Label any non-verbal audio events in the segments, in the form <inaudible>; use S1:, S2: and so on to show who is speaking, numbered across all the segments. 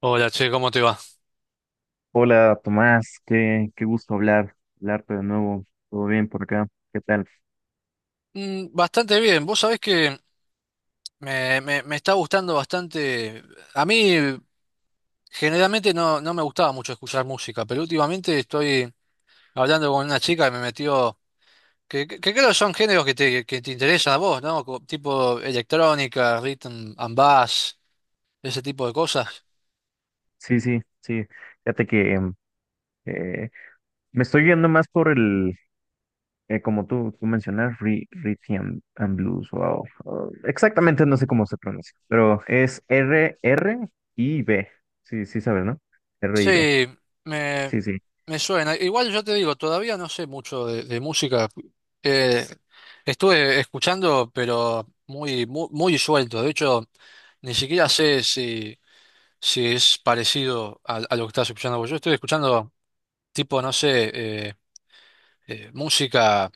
S1: Hola, che, ¿cómo te va?
S2: Hola Tomás, qué gusto hablarte de nuevo. ¿Todo bien por acá? ¿Qué tal?
S1: Bastante bien. Vos sabés que me está gustando bastante. A mí generalmente no me gustaba mucho escuchar música, pero últimamente estoy hablando con una chica que me metió, que creo que son géneros que te interesan a vos, ¿no? Tipo electrónica, rhythm and bass, ese tipo de cosas.
S2: Sí, sí, sí. Fíjate que eh, me estoy yendo más por como tú mencionas, Rhythm and Blues, wow. Ah, exactamente no sé cómo se pronuncia, pero es R y B. Sí, sí sabes, ¿no? R y B.
S1: Sí, me,
S2: Sí, sí.
S1: me suena. Igual yo te digo, todavía no sé mucho de música. Eh, estuve escuchando, pero muy suelto. De hecho, ni siquiera sé si es parecido a lo que estás escuchando vos. Yo estoy escuchando tipo, no sé, eh, música,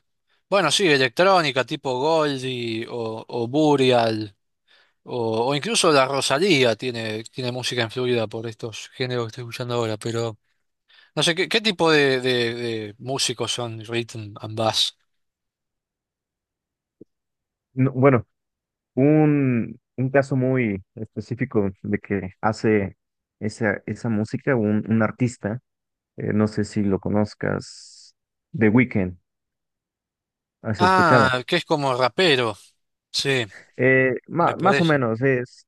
S1: bueno, sí, electrónica, tipo Goldie o Burial, o incluso la Rosalía tiene música influida por estos géneros que estoy escuchando ahora, pero... No sé, ¿qué tipo de músicos son Rhythm and Bass?
S2: No, bueno, un caso muy específico de que hace esa música un artista. No sé si lo conozcas, The Weeknd, ¿has escuchado?
S1: Ah, que es como rapero. Sí, me
S2: Más o
S1: parece.
S2: menos, es,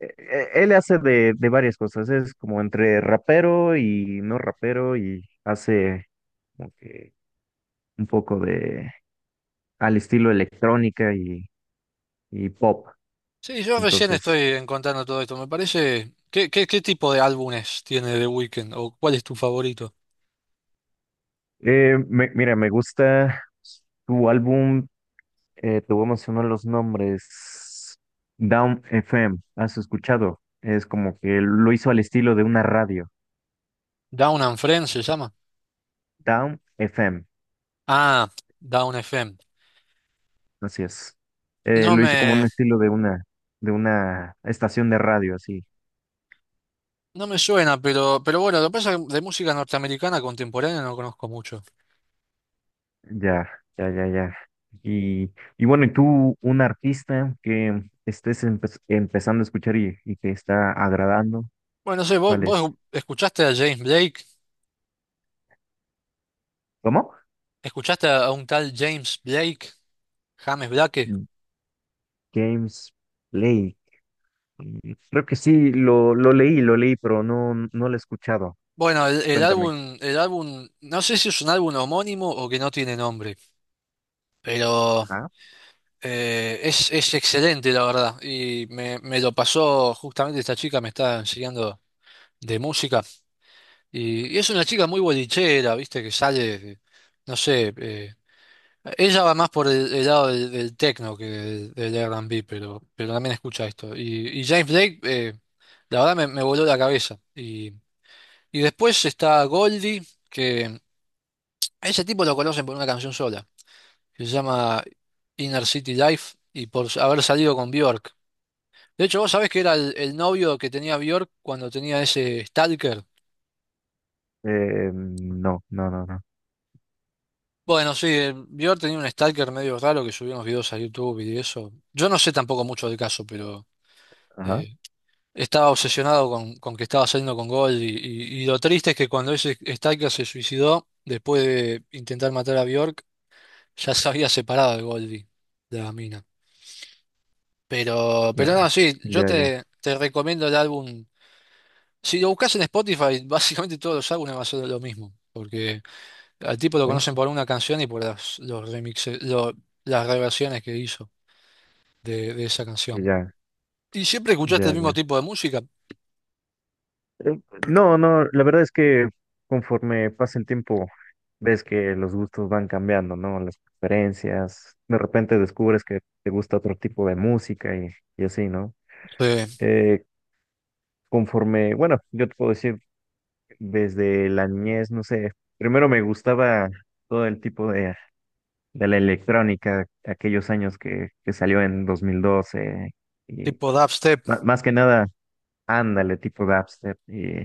S2: e- e- él hace de varias cosas, es como entre rapero y no rapero y hace como que un poco de al estilo electrónica y pop.
S1: Sí, yo recién
S2: Entonces,
S1: estoy encontrando todo esto. Me parece. ¿Qué tipo de álbumes tiene The Weeknd? ¿O cuál es tu favorito?
S2: mira, me gusta tu álbum, te voy a mencionar los nombres, Down FM, ¿has escuchado? Es como que lo hizo al estilo de una radio.
S1: Down and Friends se llama.
S2: Down FM,
S1: Ah, Down FM.
S2: así es.
S1: No
S2: Lo hizo como
S1: me,
S2: un estilo de de una estación de radio, así.
S1: no me suena, pero bueno, lo que pasa es que de música norteamericana contemporánea no conozco mucho.
S2: Ya, ya, ya, ya. Y bueno, ¿y tú, un artista que estés empezando a escuchar y que está agradando?
S1: Bueno, no sé,
S2: ¿Cuál
S1: vos
S2: es?
S1: escuchaste a James Blake,
S2: ¿Cómo?
S1: escuchaste a un tal James Blake, James Blake.
S2: James Blake. Mm, creo que sí, lo leí, pero no, no lo he escuchado.
S1: Bueno, el
S2: Cuéntame.
S1: álbum, el álbum, no sé si es un álbum homónimo o que no tiene nombre, pero
S2: Ajá.
S1: es excelente, la verdad. Y me lo pasó justamente esta chica, me está enseñando de música. Y es una chica muy bolichera, viste, que sale, no sé, ella va más por el lado del techno que del R&B, pero también escucha esto. Y James Blake, la verdad me voló la cabeza. Y después está Goldie. A ese tipo lo conocen por una canción sola, que se llama Inner City Life y por haber salido con Bjork. De hecho, vos sabés que era el novio que tenía Bjork cuando tenía ese stalker.
S2: No, no, no, no.
S1: Bueno, sí, Bjork tenía un stalker medio raro que subía unos videos a YouTube y eso. Yo no sé tampoco mucho del caso, pero
S2: Ajá.
S1: eh, estaba obsesionado con que estaba saliendo con Gold y lo triste es que cuando ese stalker se suicidó, después de intentar matar a Bjork, ya se había separado de Goldie, de la mina.
S2: Ya,
S1: Pero no, sí, yo
S2: ya, ya.
S1: te recomiendo el álbum. Si lo buscas en Spotify, <laughs> básicamente todos los álbumes van a ser lo mismo, porque al tipo lo
S2: ¿Eh?
S1: conocen por una canción y por los remixes, las reversiones que hizo de esa canción.
S2: Ya,
S1: ¿Y siempre escuchaste el
S2: ya,
S1: mismo
S2: ya.
S1: tipo de música?
S2: No, no, la verdad es que conforme pasa el tiempo, ves que los gustos van cambiando, ¿no? Las preferencias, de repente descubres que te gusta otro tipo de música y así, ¿no?
S1: Sí,
S2: Eh, conforme, bueno, yo te puedo decir, desde la niñez, no sé, primero me gustaba todo el tipo de la electrónica, aquellos años que salió en 2012 y
S1: tipo dubstep.
S2: más que nada, ándale, tipo dubstep,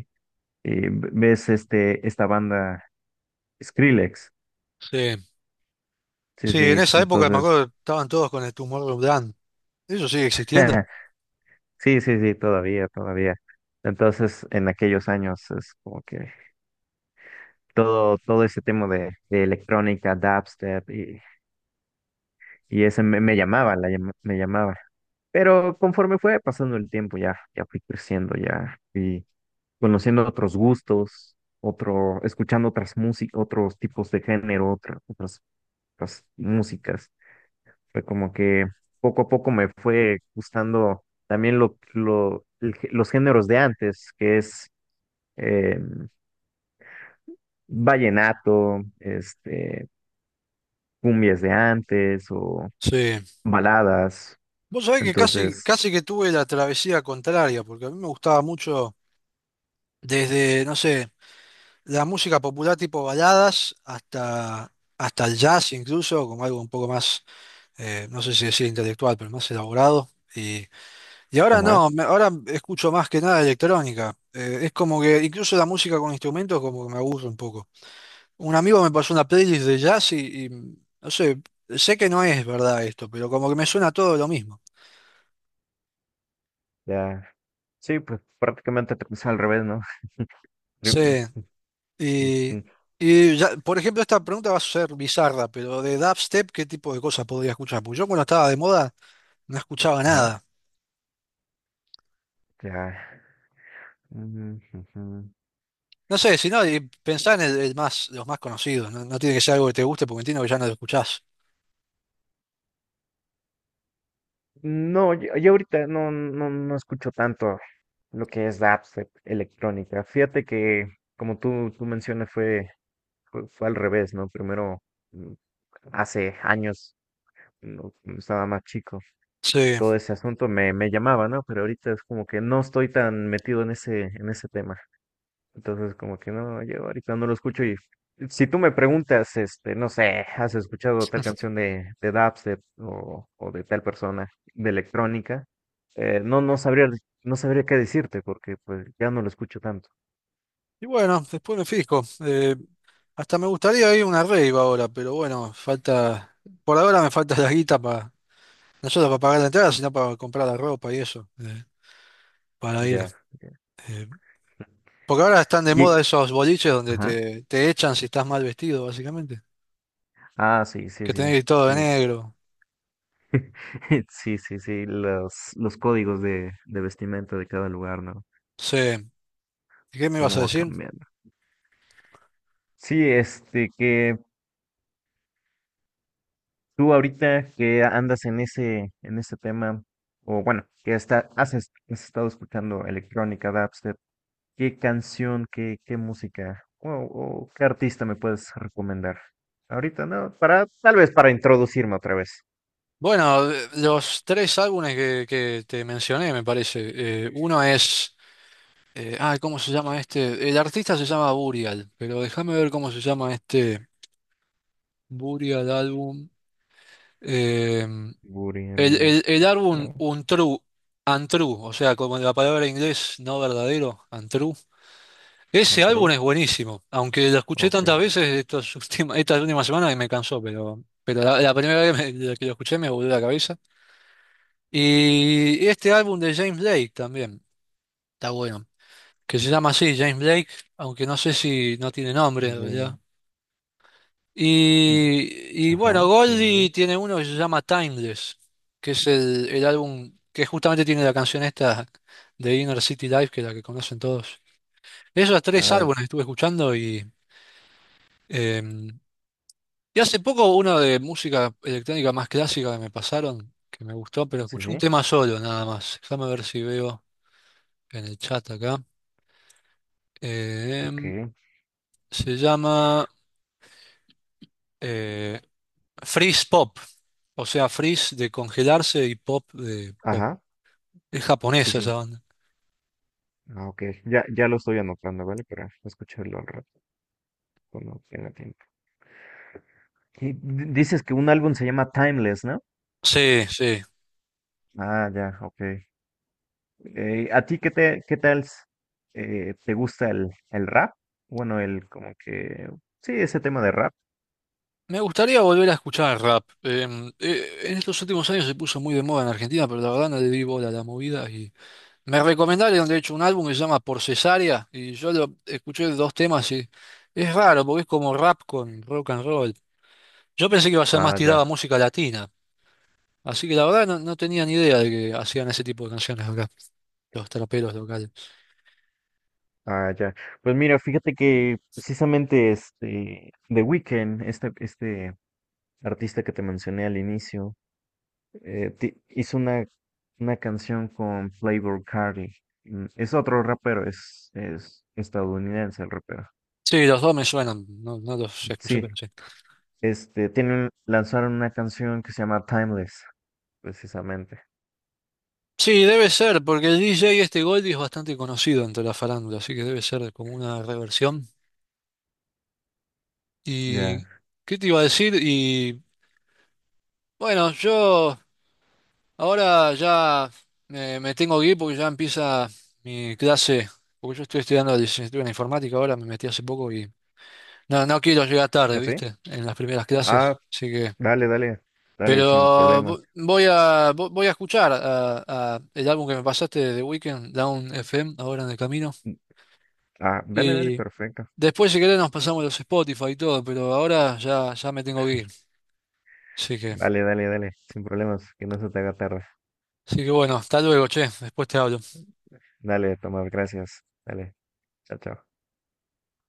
S2: y ves este, esta banda Skrillex,
S1: Sí.
S2: sí,
S1: Sí, en
S2: sí,
S1: esa época me
S2: entonces,
S1: acuerdo que estaban todos con el tumor Dan. ¿Eso sigue existiendo?
S2: <laughs> sí, sí, sí, todavía, todavía. Entonces, en aquellos años es como que todo ese tema de electrónica, dubstep y ese me llamaba, me llamaba. Pero conforme fue pasando el tiempo, ya, ya fui creciendo, ya fui conociendo otros gustos, otro, escuchando otras músicas, otros tipos de género, otras músicas. Fue como que poco a poco me fue gustando también los géneros de antes, que es eh, vallenato, este, cumbias de antes o
S1: Sí.
S2: baladas.
S1: Vos sabés que
S2: Entonces,
S1: casi que tuve la travesía contraria, porque a mí me gustaba mucho desde, no sé, la música popular tipo baladas hasta el jazz incluso, como algo un poco más, no sé si decir intelectual, pero más elaborado. Y, y ahora
S2: ajá,
S1: no, ahora escucho más que nada electrónica. Es como que incluso la música con instrumentos como que me aburre un poco. Un amigo me pasó una playlist de jazz no sé, sé que no es verdad esto, pero como que me suena todo lo mismo.
S2: ya, sí, pues prácticamente te puse al revés, ¿no? <laughs> Pri-
S1: Sí,
S2: sí,
S1: y,
S2: sí,
S1: por ejemplo, esta pregunta va a ser bizarra, pero de dubstep, ¿qué tipo de cosas podría escuchar? Porque yo cuando estaba de moda no escuchaba
S2: ajá,
S1: nada.
S2: ya. Ujú, ujú.
S1: No sé, si no, y pensá en el más, los más conocidos. No, no tiene que ser algo que te guste porque entiendo que ya no lo escuchás.
S2: No, yo ahorita no, no, no escucho tanto lo que es dubstep electrónica. Fíjate que, como tú mencionas, fue al revés, ¿no? Primero, mm, hace años, no, cuando estaba más chico,
S1: Sí.
S2: todo ese asunto me llamaba, ¿no? Pero ahorita es como que no estoy tan metido en ese tema. Entonces, como que no, yo ahorita no lo escucho y si tú me preguntas, este, no sé, ¿has escuchado tal canción de Dubstep o de tal persona de electrónica? No, no sabría, no sabría qué decirte porque pues ya no lo escucho tanto.
S1: Y bueno, después me fijo. Hasta me gustaría ir a una rave ahora, pero bueno, falta. Por ahora me falta la guita para. No solo para pagar la entrada, sino para comprar la ropa y eso, para ir.
S2: Ya, ya.
S1: Eh, porque ahora están de moda
S2: Y,
S1: esos boliches donde
S2: ajá.
S1: te echan si estás mal vestido, básicamente.
S2: Ah, sí, sí,
S1: Que
S2: sí,
S1: tenés que ir todo de
S2: sí.
S1: negro.
S2: <laughs> Sí, sí, sí, los códigos de vestimenta de cada lugar, ¿no?
S1: Sí. ¿Y qué me ibas
S2: Cómo
S1: a
S2: va
S1: decir?
S2: cambiando. Sí, este, que tú ahorita que andas en ese tema, o bueno, que está, has estado escuchando electrónica, dubstep, ¿qué canción, qué música o qué artista me puedes recomendar? Ahorita no, para, tal vez para introducirme otra vez.
S1: Bueno, los tres álbumes que te mencioné, me parece. Uno es, ay, ¿cómo se llama este? El artista se llama Burial, pero déjame ver cómo se llama este Burial álbum. Eh,
S2: Burial,
S1: el álbum
S2: ¿qué?
S1: Untrue, Untrue, o sea, como la palabra en inglés no verdadero, Untrue. Ese álbum
S2: Control,
S1: es buenísimo, aunque lo escuché
S2: ok.
S1: tantas veces estos estas últimas semanas que me cansó, pero la primera vez que lo escuché me volvió la cabeza. Y este álbum de James Blake también está bueno, que se llama así, James Blake, aunque no sé si no tiene nombre en realidad.
S2: Jane- mm,
S1: Y bueno,
S2: ajá, Jane
S1: Goldie
S2: Drake,
S1: tiene uno que se llama Timeless, que es el álbum que justamente tiene la canción esta de Inner City Life, que es la que conocen todos. Esos tres
S2: ah,
S1: álbumes estuve escuchando eh, y hace poco uno de música electrónica más clásica que me pasaron, que me gustó, pero
S2: sí,
S1: escuché un
S2: sí,
S1: tema solo nada más. Déjame ver si veo en el chat acá.
S2: ok,
S1: Em, se llama eh, Freeze Pop, o sea, Freeze de congelarse y Pop de pop.
S2: ajá,
S1: Es
S2: sí,
S1: japonesa esa
S2: sí,
S1: banda.
S2: ah, ok, ya, ya lo estoy anotando, ¿vale? Para escucharlo al rato, cuando tenga tiempo. Y dices que un álbum se llama Timeless, ¿no?
S1: Sí, sí.
S2: Ah, ya, ok. ¿A ti qué te, te gusta el rap? Bueno, el como que sí, ese tema de rap.
S1: Me gustaría volver a escuchar el rap. En estos últimos años se puso muy de moda en Argentina, pero la verdad no le di bola a la movida. Y me recomendaron, de hecho, un álbum que se llama Por Cesárea, y yo lo escuché dos temas y es raro, porque es como rap con rock and roll. Yo pensé que iba a ser más
S2: Ah,
S1: tirada a
S2: ya,
S1: música latina. Así que la verdad no, no tenía ni idea de que hacían ese tipo de canciones acá, los traperos locales.
S2: ah, ya. Pues mira, fíjate que precisamente este The Weeknd, este artista que te mencioné al inicio, hizo una canción con Playboi Carti. Mm, es otro rapero, es estadounidense el rapero.
S1: Sí, los dos me suenan, no, no los escuché, pero
S2: Sí,
S1: sí.
S2: este, tienen, lanzaron una canción que se llama Timeless, precisamente.
S1: Sí, debe ser, porque el DJ este Goldie es bastante conocido entre la farándula, así que debe ser como una reversión.
S2: Ya.
S1: ¿Y qué te iba a decir? Y bueno, yo ahora ya me tengo que ir porque ya empieza mi clase, porque yo estoy estudiando licenciatura en informática ahora, me metí hace poco y no, no quiero llegar tarde,
S2: ¿Así?
S1: ¿viste? En las primeras
S2: Ah,
S1: clases, así que...
S2: dale, dale, dale,
S1: Pero
S2: sin problemas.
S1: voy a escuchar a el álbum que me pasaste de The Weeknd, Down FM, ahora en el camino.
S2: Mm, ah, dale, dale,
S1: Y
S2: perfecto.
S1: después, si querés, nos pasamos los Spotify y todo, pero ahora ya, ya me tengo que ir. Así que,
S2: Dale, dale, dale, sin problemas, que no se te haga tarde.
S1: así que bueno, hasta luego, che. Después te hablo.
S2: Dale, Tomás, gracias. Dale, chao, chao.